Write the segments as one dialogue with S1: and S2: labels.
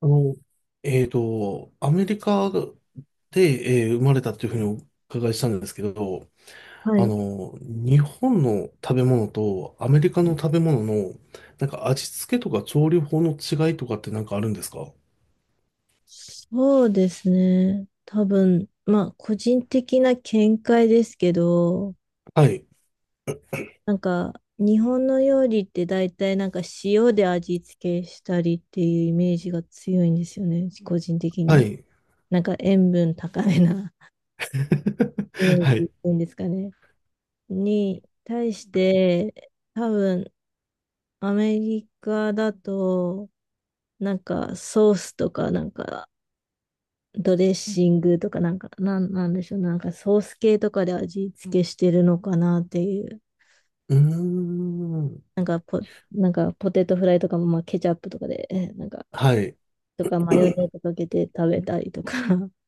S1: あの、アメリカで、生まれたというふうにお伺いしたんですけど、
S2: はい。
S1: 日本の食べ物とアメリカの食べ物の、なんか味付けとか調理法の違いとかってなんかあるんですか？
S2: そうですね。多分、まあ、個人的な見解ですけど、
S1: はい。
S2: なんか、日本の料理って大体なんか塩で味付けしたりっていうイメージが強いんですよね。個人的
S1: は
S2: に。
S1: い。
S2: なんか塩分高めな イメ ージ
S1: は
S2: っ
S1: い。
S2: ていうんですかね。に対して、多分、アメリカだと、なんかソースとかなんかドレッシングとかなんか、なんでしょう、なんかソース系とかで味付けしてるのかなっていう。
S1: うーん。
S2: なんかポ、なんかポテトフライとかも、まあ、ケチャップとかで、なんか、
S1: はい。
S2: とかマヨネーズかけて食べたりとか。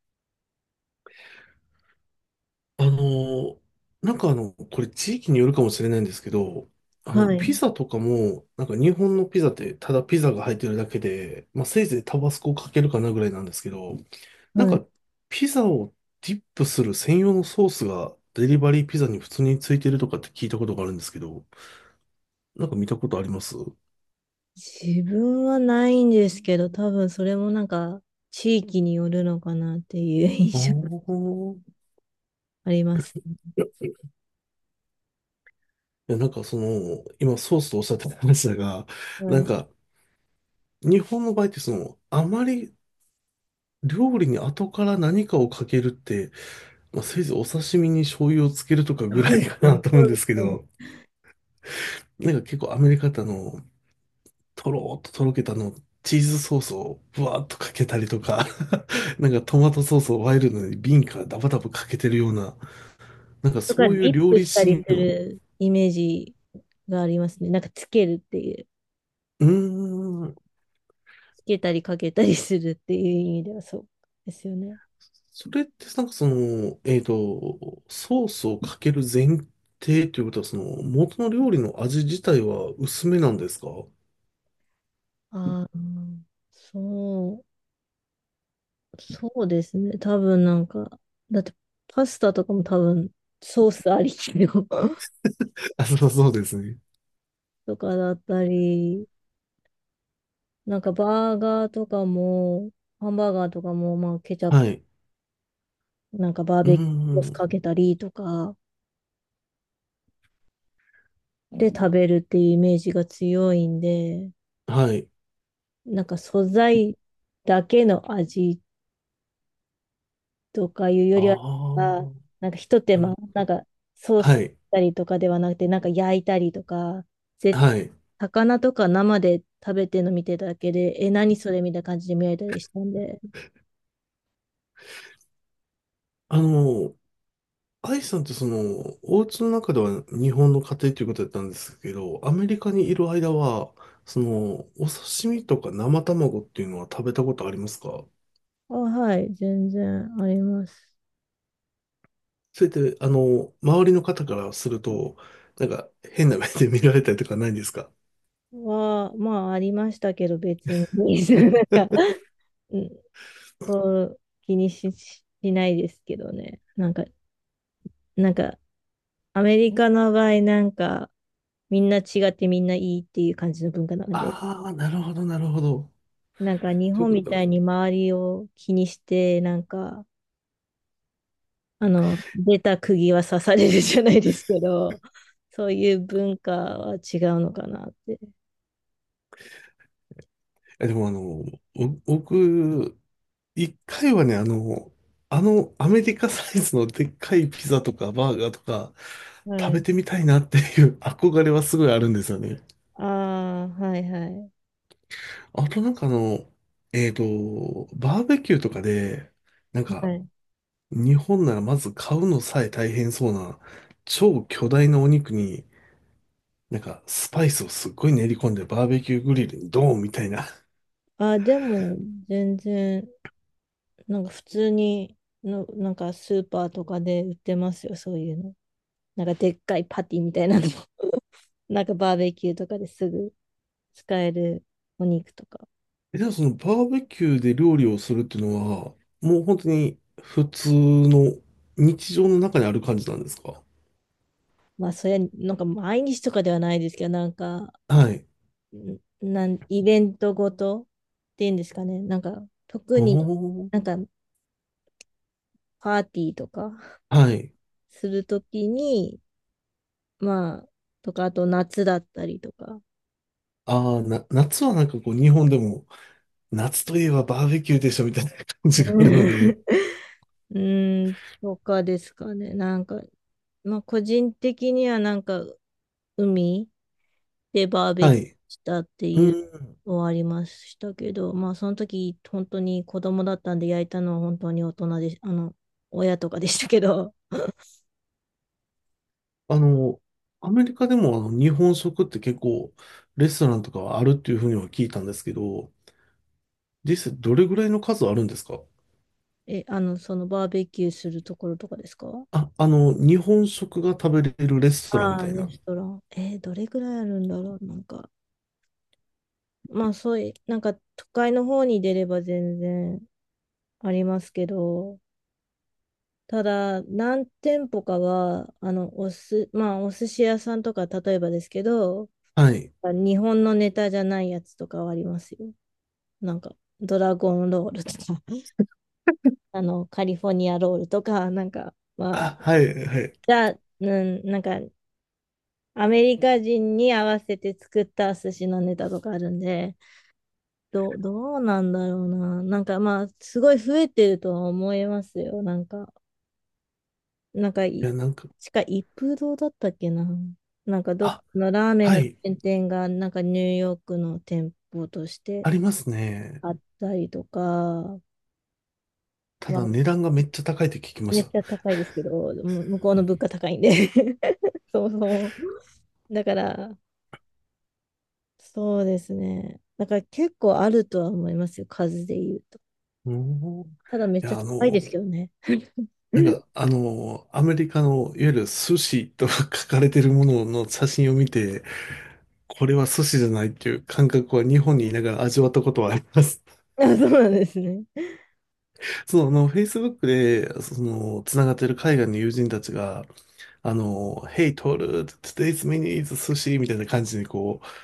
S1: あの、なんかこれ地域によるかもしれないんですけど、
S2: は
S1: ピ
S2: い。
S1: ザとかも、なんか日本のピザってただピザが入ってるだけで、まあせいぜいタバスコをかけるかなぐらいなんですけど、なん
S2: はい。
S1: かピザをディップする専用のソースがデリバリーピザに普通についてるとかって聞いたことがあるんですけど、なんか見たことあります？
S2: 自分はないんですけど、多分それもなんか、地域によるのかなっていう
S1: ああ
S2: 印象が
S1: ー、い
S2: あります。
S1: や、いや、なんかその、今ソースとおっしゃってた話だが、
S2: は
S1: なん
S2: い。
S1: か、日本の場合ってその、あまり料理に後から何かをかけるって、まあ、せいぜいお刺身に醤油をつけるとかぐらい かなと思う
S2: そ
S1: ん
S2: う
S1: で
S2: で
S1: すけ
S2: すよね。
S1: ど、なんか結構アメリカってとろーっととろけたチーズソースをぶわーっとかけたりとか、なんかトマトソースをワイルドに瓶からダバダバかけてるような、なんか
S2: とか、
S1: そ
S2: デ
S1: ういう
S2: ィッ
S1: 料
S2: プ
S1: 理
S2: したり
S1: シー
S2: す
S1: ンを、
S2: るイメージがありますね。なんか、つけるっていう。
S1: うーん、
S2: けたりかけたりするっていう意味ではそうですよね。
S1: それってなんかその、ソースをかける前提ということは、その元の料理の味自体は薄めなんですか？
S2: ああ、そそうですね。多分なんか、だってパスタとかも多分ソースありきの
S1: あ、そうそうですね。
S2: とかだったり、なんかバーガーとかも、ハンバーガーとかも、まあケチャップ、
S1: はい。
S2: なんかバー
S1: うー
S2: ベキューソース
S1: ん。
S2: かけたりとかで食べるっていうイメージが強いんで、
S1: はい。
S2: なんか素材だけの味とかいうよ
S1: あ
S2: りは、
S1: あ。
S2: あなんかひと手
S1: なる
S2: 間、
S1: ほど。
S2: なんかソース
S1: は
S2: し
S1: い。
S2: たりとかではなくて、なんか焼いたりとか、ぜ、
S1: はい。
S2: 魚とか生で食べてるの見てただけで、え、何それみたいな感じで見られたりしたんで、
S1: あの、アイさんってその、お家の中では日本の家庭ということだったんですけど、アメリカにいる間は、その、お刺身とか生卵っていうのは食べたことありますか？
S2: あ、はい、全然あります。
S1: それって、周りの方からすると、なんか変な目で見られたりとかないんですか？
S2: は、まあ、ありましたけど、別に、なんか、うん、そう気にしないですけどね。なんか、なんか、アメリカの場合、なんか、みんな違ってみんないいっていう感じの文化なので、
S1: ああ、なるほど、なるほど。
S2: なんか日
S1: という
S2: 本
S1: こ
S2: み
S1: とか。
S2: たいに周りを気にして、なんか、あの、出た釘は刺されるじゃないですけど、そういう文化は違うのかなって。
S1: え、でも僕、一回はね、あのアメリカサイズのでっかいピザとかバーガーとか
S2: は
S1: 食べ
S2: い。
S1: てみたいなっていう 憧れはすごいあるんですよね。
S2: ああ、はいはい。
S1: あとなんかバーベキューとかで、なん
S2: は
S1: か
S2: い。
S1: 日本ならまず買うのさえ大変そうな超巨大なお肉になんかスパイスをすっごい練り込んでバーベキューグリルにドーンみたいな。
S2: ああ、でも、全然、なんか普通にの、なんかスーパーとかで売ってますよ、そういうの。なんかでっかいパティみたいなのも。なんかバーベキューとかですぐ使えるお肉とか。
S1: え、じゃあそのバーベキューで料理をするっていうのは、もう本当に普通の日常の中にある感じなんですか？
S2: まあ、そりゃ、なんか毎日とかではないですけど、なんか、
S1: はい。
S2: イベントごとっていうんですかね。なんか、特に
S1: おー。
S2: なんかパーティーとか
S1: はい。
S2: するときに、まあ、とか、あと夏だったりとか、
S1: ああ、夏はなんかこう日本でも、夏といえばバーベキューでしょみたいな感じが
S2: う
S1: あるの
S2: ん
S1: で、
S2: うーん、とかですかね。なんか、まあ、個人的にはなんか、海でバーベ
S1: は
S2: キュー
S1: い。
S2: したって
S1: う
S2: いう
S1: ん。
S2: のはありましたけど、まあ、その時、本当に子供だったんで焼いたのは本当に大人で、あの、親とかでしたけど、
S1: あの、アメリカでもあの日本食って結構レストランとかはあるっていうふうには聞いたんですけど、実際どれぐらいの数あるんですか？
S2: え、あの、そのバーベキューするところとかですか？
S1: あ、日本食が食べれるレストランみ
S2: ああ
S1: た
S2: ー、
S1: い
S2: レ
S1: な。
S2: ストラン。どれぐらいあるんだろう。なんか、まあそういう、なんか都会の方に出れば全然ありますけど、ただ何店舗かは、あの、まあお寿司屋さんとか例えばですけど、
S1: はい。
S2: 日本のネタじゃないやつとかはありますよ。なんか、ドラゴンロールとか、あの、カリフォルニアロールとか、なんか、まあ、
S1: あ、はい、はい。
S2: じゃあ、うん、なんかアメリカ人に合わせて作った寿司のネタとかあるんで、どうなんだろうな。なんかまあ、すごい増えてるとは思いますよ。なんか、なんか
S1: い
S2: い、
S1: や、なんか、
S2: しか一風堂だったっけな。なんかどっ
S1: あ、
S2: かのラーメン
S1: は
S2: のチ
S1: い、
S2: ェーン店が、なんかニューヨークの店舗とし
S1: あ
S2: て
S1: りますね。
S2: あったりとか、
S1: た
S2: まあ、
S1: だ値段がめっちゃ高いって聞きまし
S2: めっ
S1: た。
S2: ちゃ高いですけど、向こうの物価高いんで そもそも。だから、そうですね。だから結構あるとは思いますよ、数で言うと。
S1: うん。い
S2: ただめっちゃ
S1: や、
S2: 高いですけどね。
S1: なん か、アメリカの、いわゆる寿司と 書かれてるものの写真を見て、これは寿司じゃないっていう感覚は日本にいながら味わったことはあります。
S2: あ、そうなんですね。
S1: その、Facebook で、その、つながってる海外の友人たちが、Hey, Toru, today's menu is sushi みたいな感じにこう、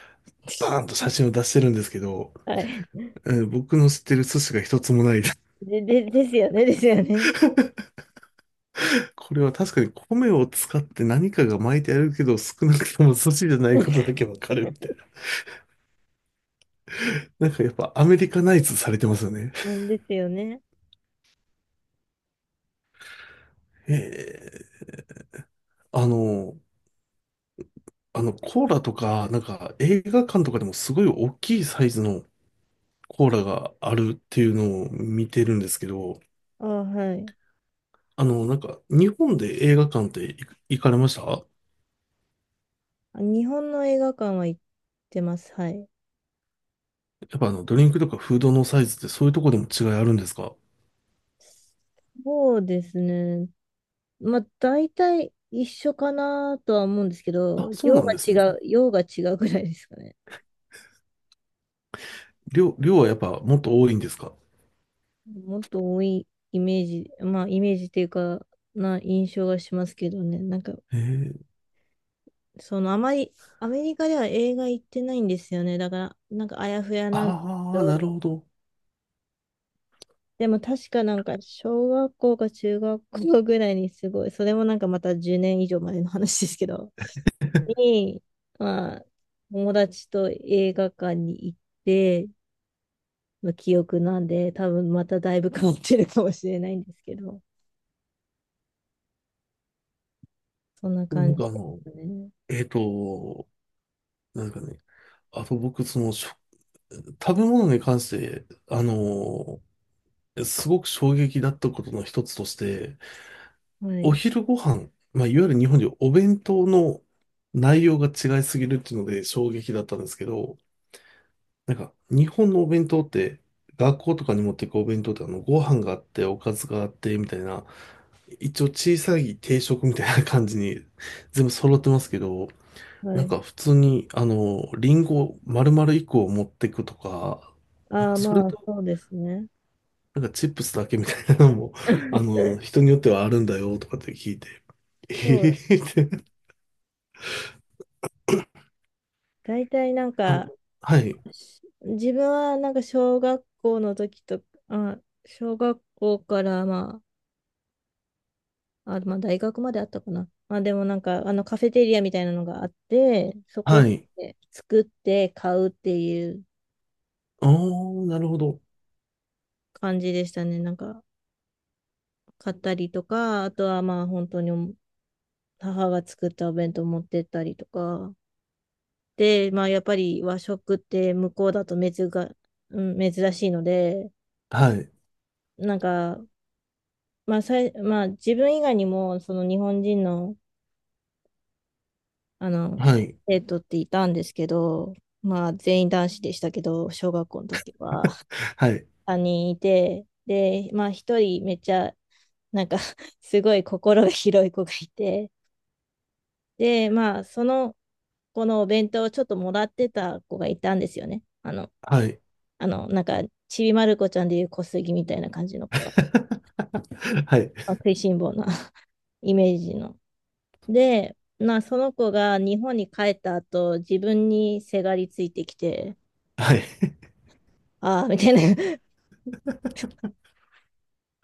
S1: バーンと写真を出してるんですけど、
S2: はい。
S1: うん、僕の知ってる寿司が一つもないです。
S2: ですよね、ですよね。
S1: これは確かに米を使って何かが巻いてあるけど、少なくとも寿司じゃないことだけわかるみたいな。なんかやっぱアメリカナイズされてますよね。
S2: なんですよね。
S1: ええ、あの、あのコーラとか、なんか映画館とかでもすごい大きいサイズのコーラがあるっていうのを見てるんですけど、
S2: あ、はい。
S1: なんか日本で映画館って行かれました？
S2: あ日本の映画館は行ってます。はい。
S1: やっぱあのドリンクとかフードのサイズってそういうとこでも違いあるんですか？
S2: そうですね。まあ、大体一緒かなとは思うんですけど、
S1: あ、そうなんですね。
S2: 量が違うぐらいですかね。
S1: 量はやっぱもっと多いんですか？
S2: もっと多いイメージ、まあイメージっていうか、な印象がしますけどね。なんか、
S1: ええ、
S2: そのあまり、アメリカでは映画行ってないんですよね。だから、なんかあやふやなんで
S1: あ
S2: すけ
S1: あー、なる
S2: ど、
S1: ほど。
S2: でも確かなんか小学校か中学校ぐらいにすごい、それもなんかまた10年以上前の話ですけど、に、まあ、友達と映画館に行って、の記憶なんで、多分まただいぶ変わってるかもしれないんですけど、そんな
S1: な
S2: 感
S1: ん
S2: じで
S1: か
S2: すね。
S1: えっと、なんかね、あと僕、その、食べ物に関して、すごく衝撃だったことの一つとして、
S2: は
S1: お
S2: い。
S1: 昼ご飯、まあ、いわゆる日本でいうお弁当の内容が違いすぎるっていうので衝撃だったんですけど、なんか、日本のお弁当って、学校とかに持っていくお弁当ってご飯があって、おかずがあって、みたいな、一応小さい定食みたいな感じに全部揃ってますけど、
S2: は
S1: なん
S2: い。
S1: か普通に、リンゴ丸々1個を持ってくとか、なん
S2: あ
S1: か
S2: あ、
S1: それ
S2: まあ、
S1: と、
S2: そうですね。
S1: なんかチップスだけみたいなのも、人によってはあるんだよとかって聞いて、
S2: そ
S1: え
S2: う。
S1: えって、
S2: 大体なん
S1: あ、
S2: か、
S1: はい、
S2: 自分はなんか小学校の時と、あ、小学校からまあ大学まであったかな。まあでもなんか、あのカフェテリアみたいなのがあって、そこ
S1: は
S2: で
S1: い、
S2: 作って買うっていう
S1: おー、なるほど、
S2: 感じでしたね。なんか、買ったりとか、あとはまあ本当に母が作ったお弁当持ってったりとか。で、まあ、やっぱり和食って向こうだと珍が、うん、珍しいので、
S1: はい、
S2: なんか、まあさい、まあ、自分以外にも、その日本人の、あの、
S1: はい、
S2: 生徒っていたんですけど、まあ、全員男子でしたけど、小学校の時は
S1: はい、
S2: 3人いて、で、まあ、1人めっちゃ、なんか すごい心が広い子がいて、で、まあ、その子のお弁当をちょっともらってた子がいたんですよね。あの、
S1: はい、
S2: あの、なんか、ちびまる子ちゃんでいう小杉みたいな感じの子が、
S1: はい、
S2: 食いしん坊な イメージの。で、まあ、その子が日本に帰った後、自分にせがりついてきて、
S1: はい。
S2: ああ、みたいな、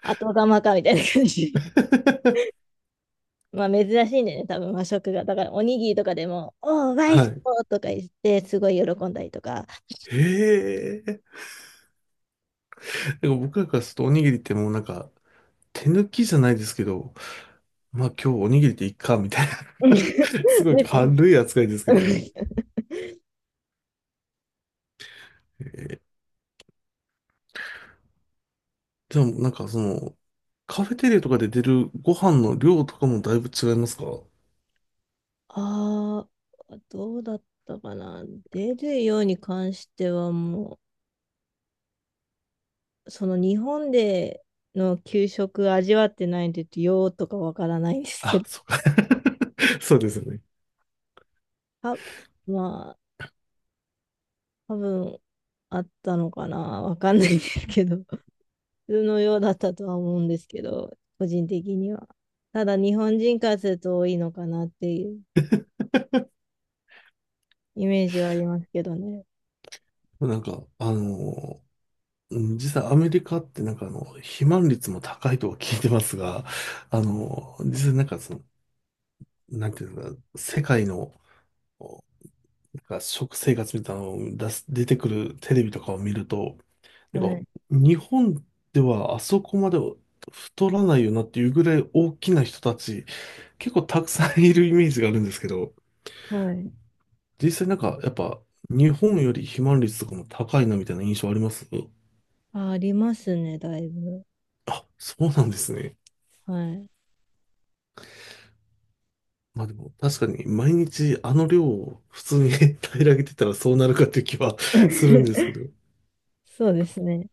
S2: 後釜か、みたいな感じで。まあ、珍しいんだよね、多分和食が。だから、おにぎりとかでも、おー、ワイ
S1: は
S2: ス
S1: い。
S2: ポーとか言って、すごい喜んだりとか。
S1: へえ。なんか僕らからするとおにぎりってもうなんか、手抜きじゃないですけど、まあ今日おにぎりでいっか、みたいな す ごい
S2: ね
S1: 軽い扱いですけどね。え、でもなんかその、カフェテレとかで出るご飯の量とかもだいぶ違いますか？
S2: ああ、どうだったかな。出るように関してはもその日本での給食味わってないんで、ようとかわからないんですけ
S1: あ、
S2: ど、
S1: そうか そうですよね。
S2: あ、まあ、多分あったのかな、わかんないですけど、普通のようだったとは思うんですけど、個人的には。ただ、日本人からすると多いのかなっていうイメージはありますけどね。
S1: なんか、うん、実際アメリカってなんか肥満率も高いとは聞いてますが、実際なんかその、なんていうのか、世界の、なんか食生活みたいなのを出てくるテレビとかを見ると、て
S2: は
S1: か、
S2: い。
S1: 日本ではあそこまで太らないよなっていうぐらい大きな人たち、結構たくさんいるイメージがあるんですけど、
S2: はい。
S1: 実際なんかやっぱ日本より肥満率とかも高いなみたいな印象あります？
S2: あ、ありますね、だいぶ。
S1: あ、そうなんですね。
S2: はい。
S1: まあでも確かに毎日あの量を普通に 平らげてたらそうなるかっていう気はするんですけ ど。
S2: そうですね。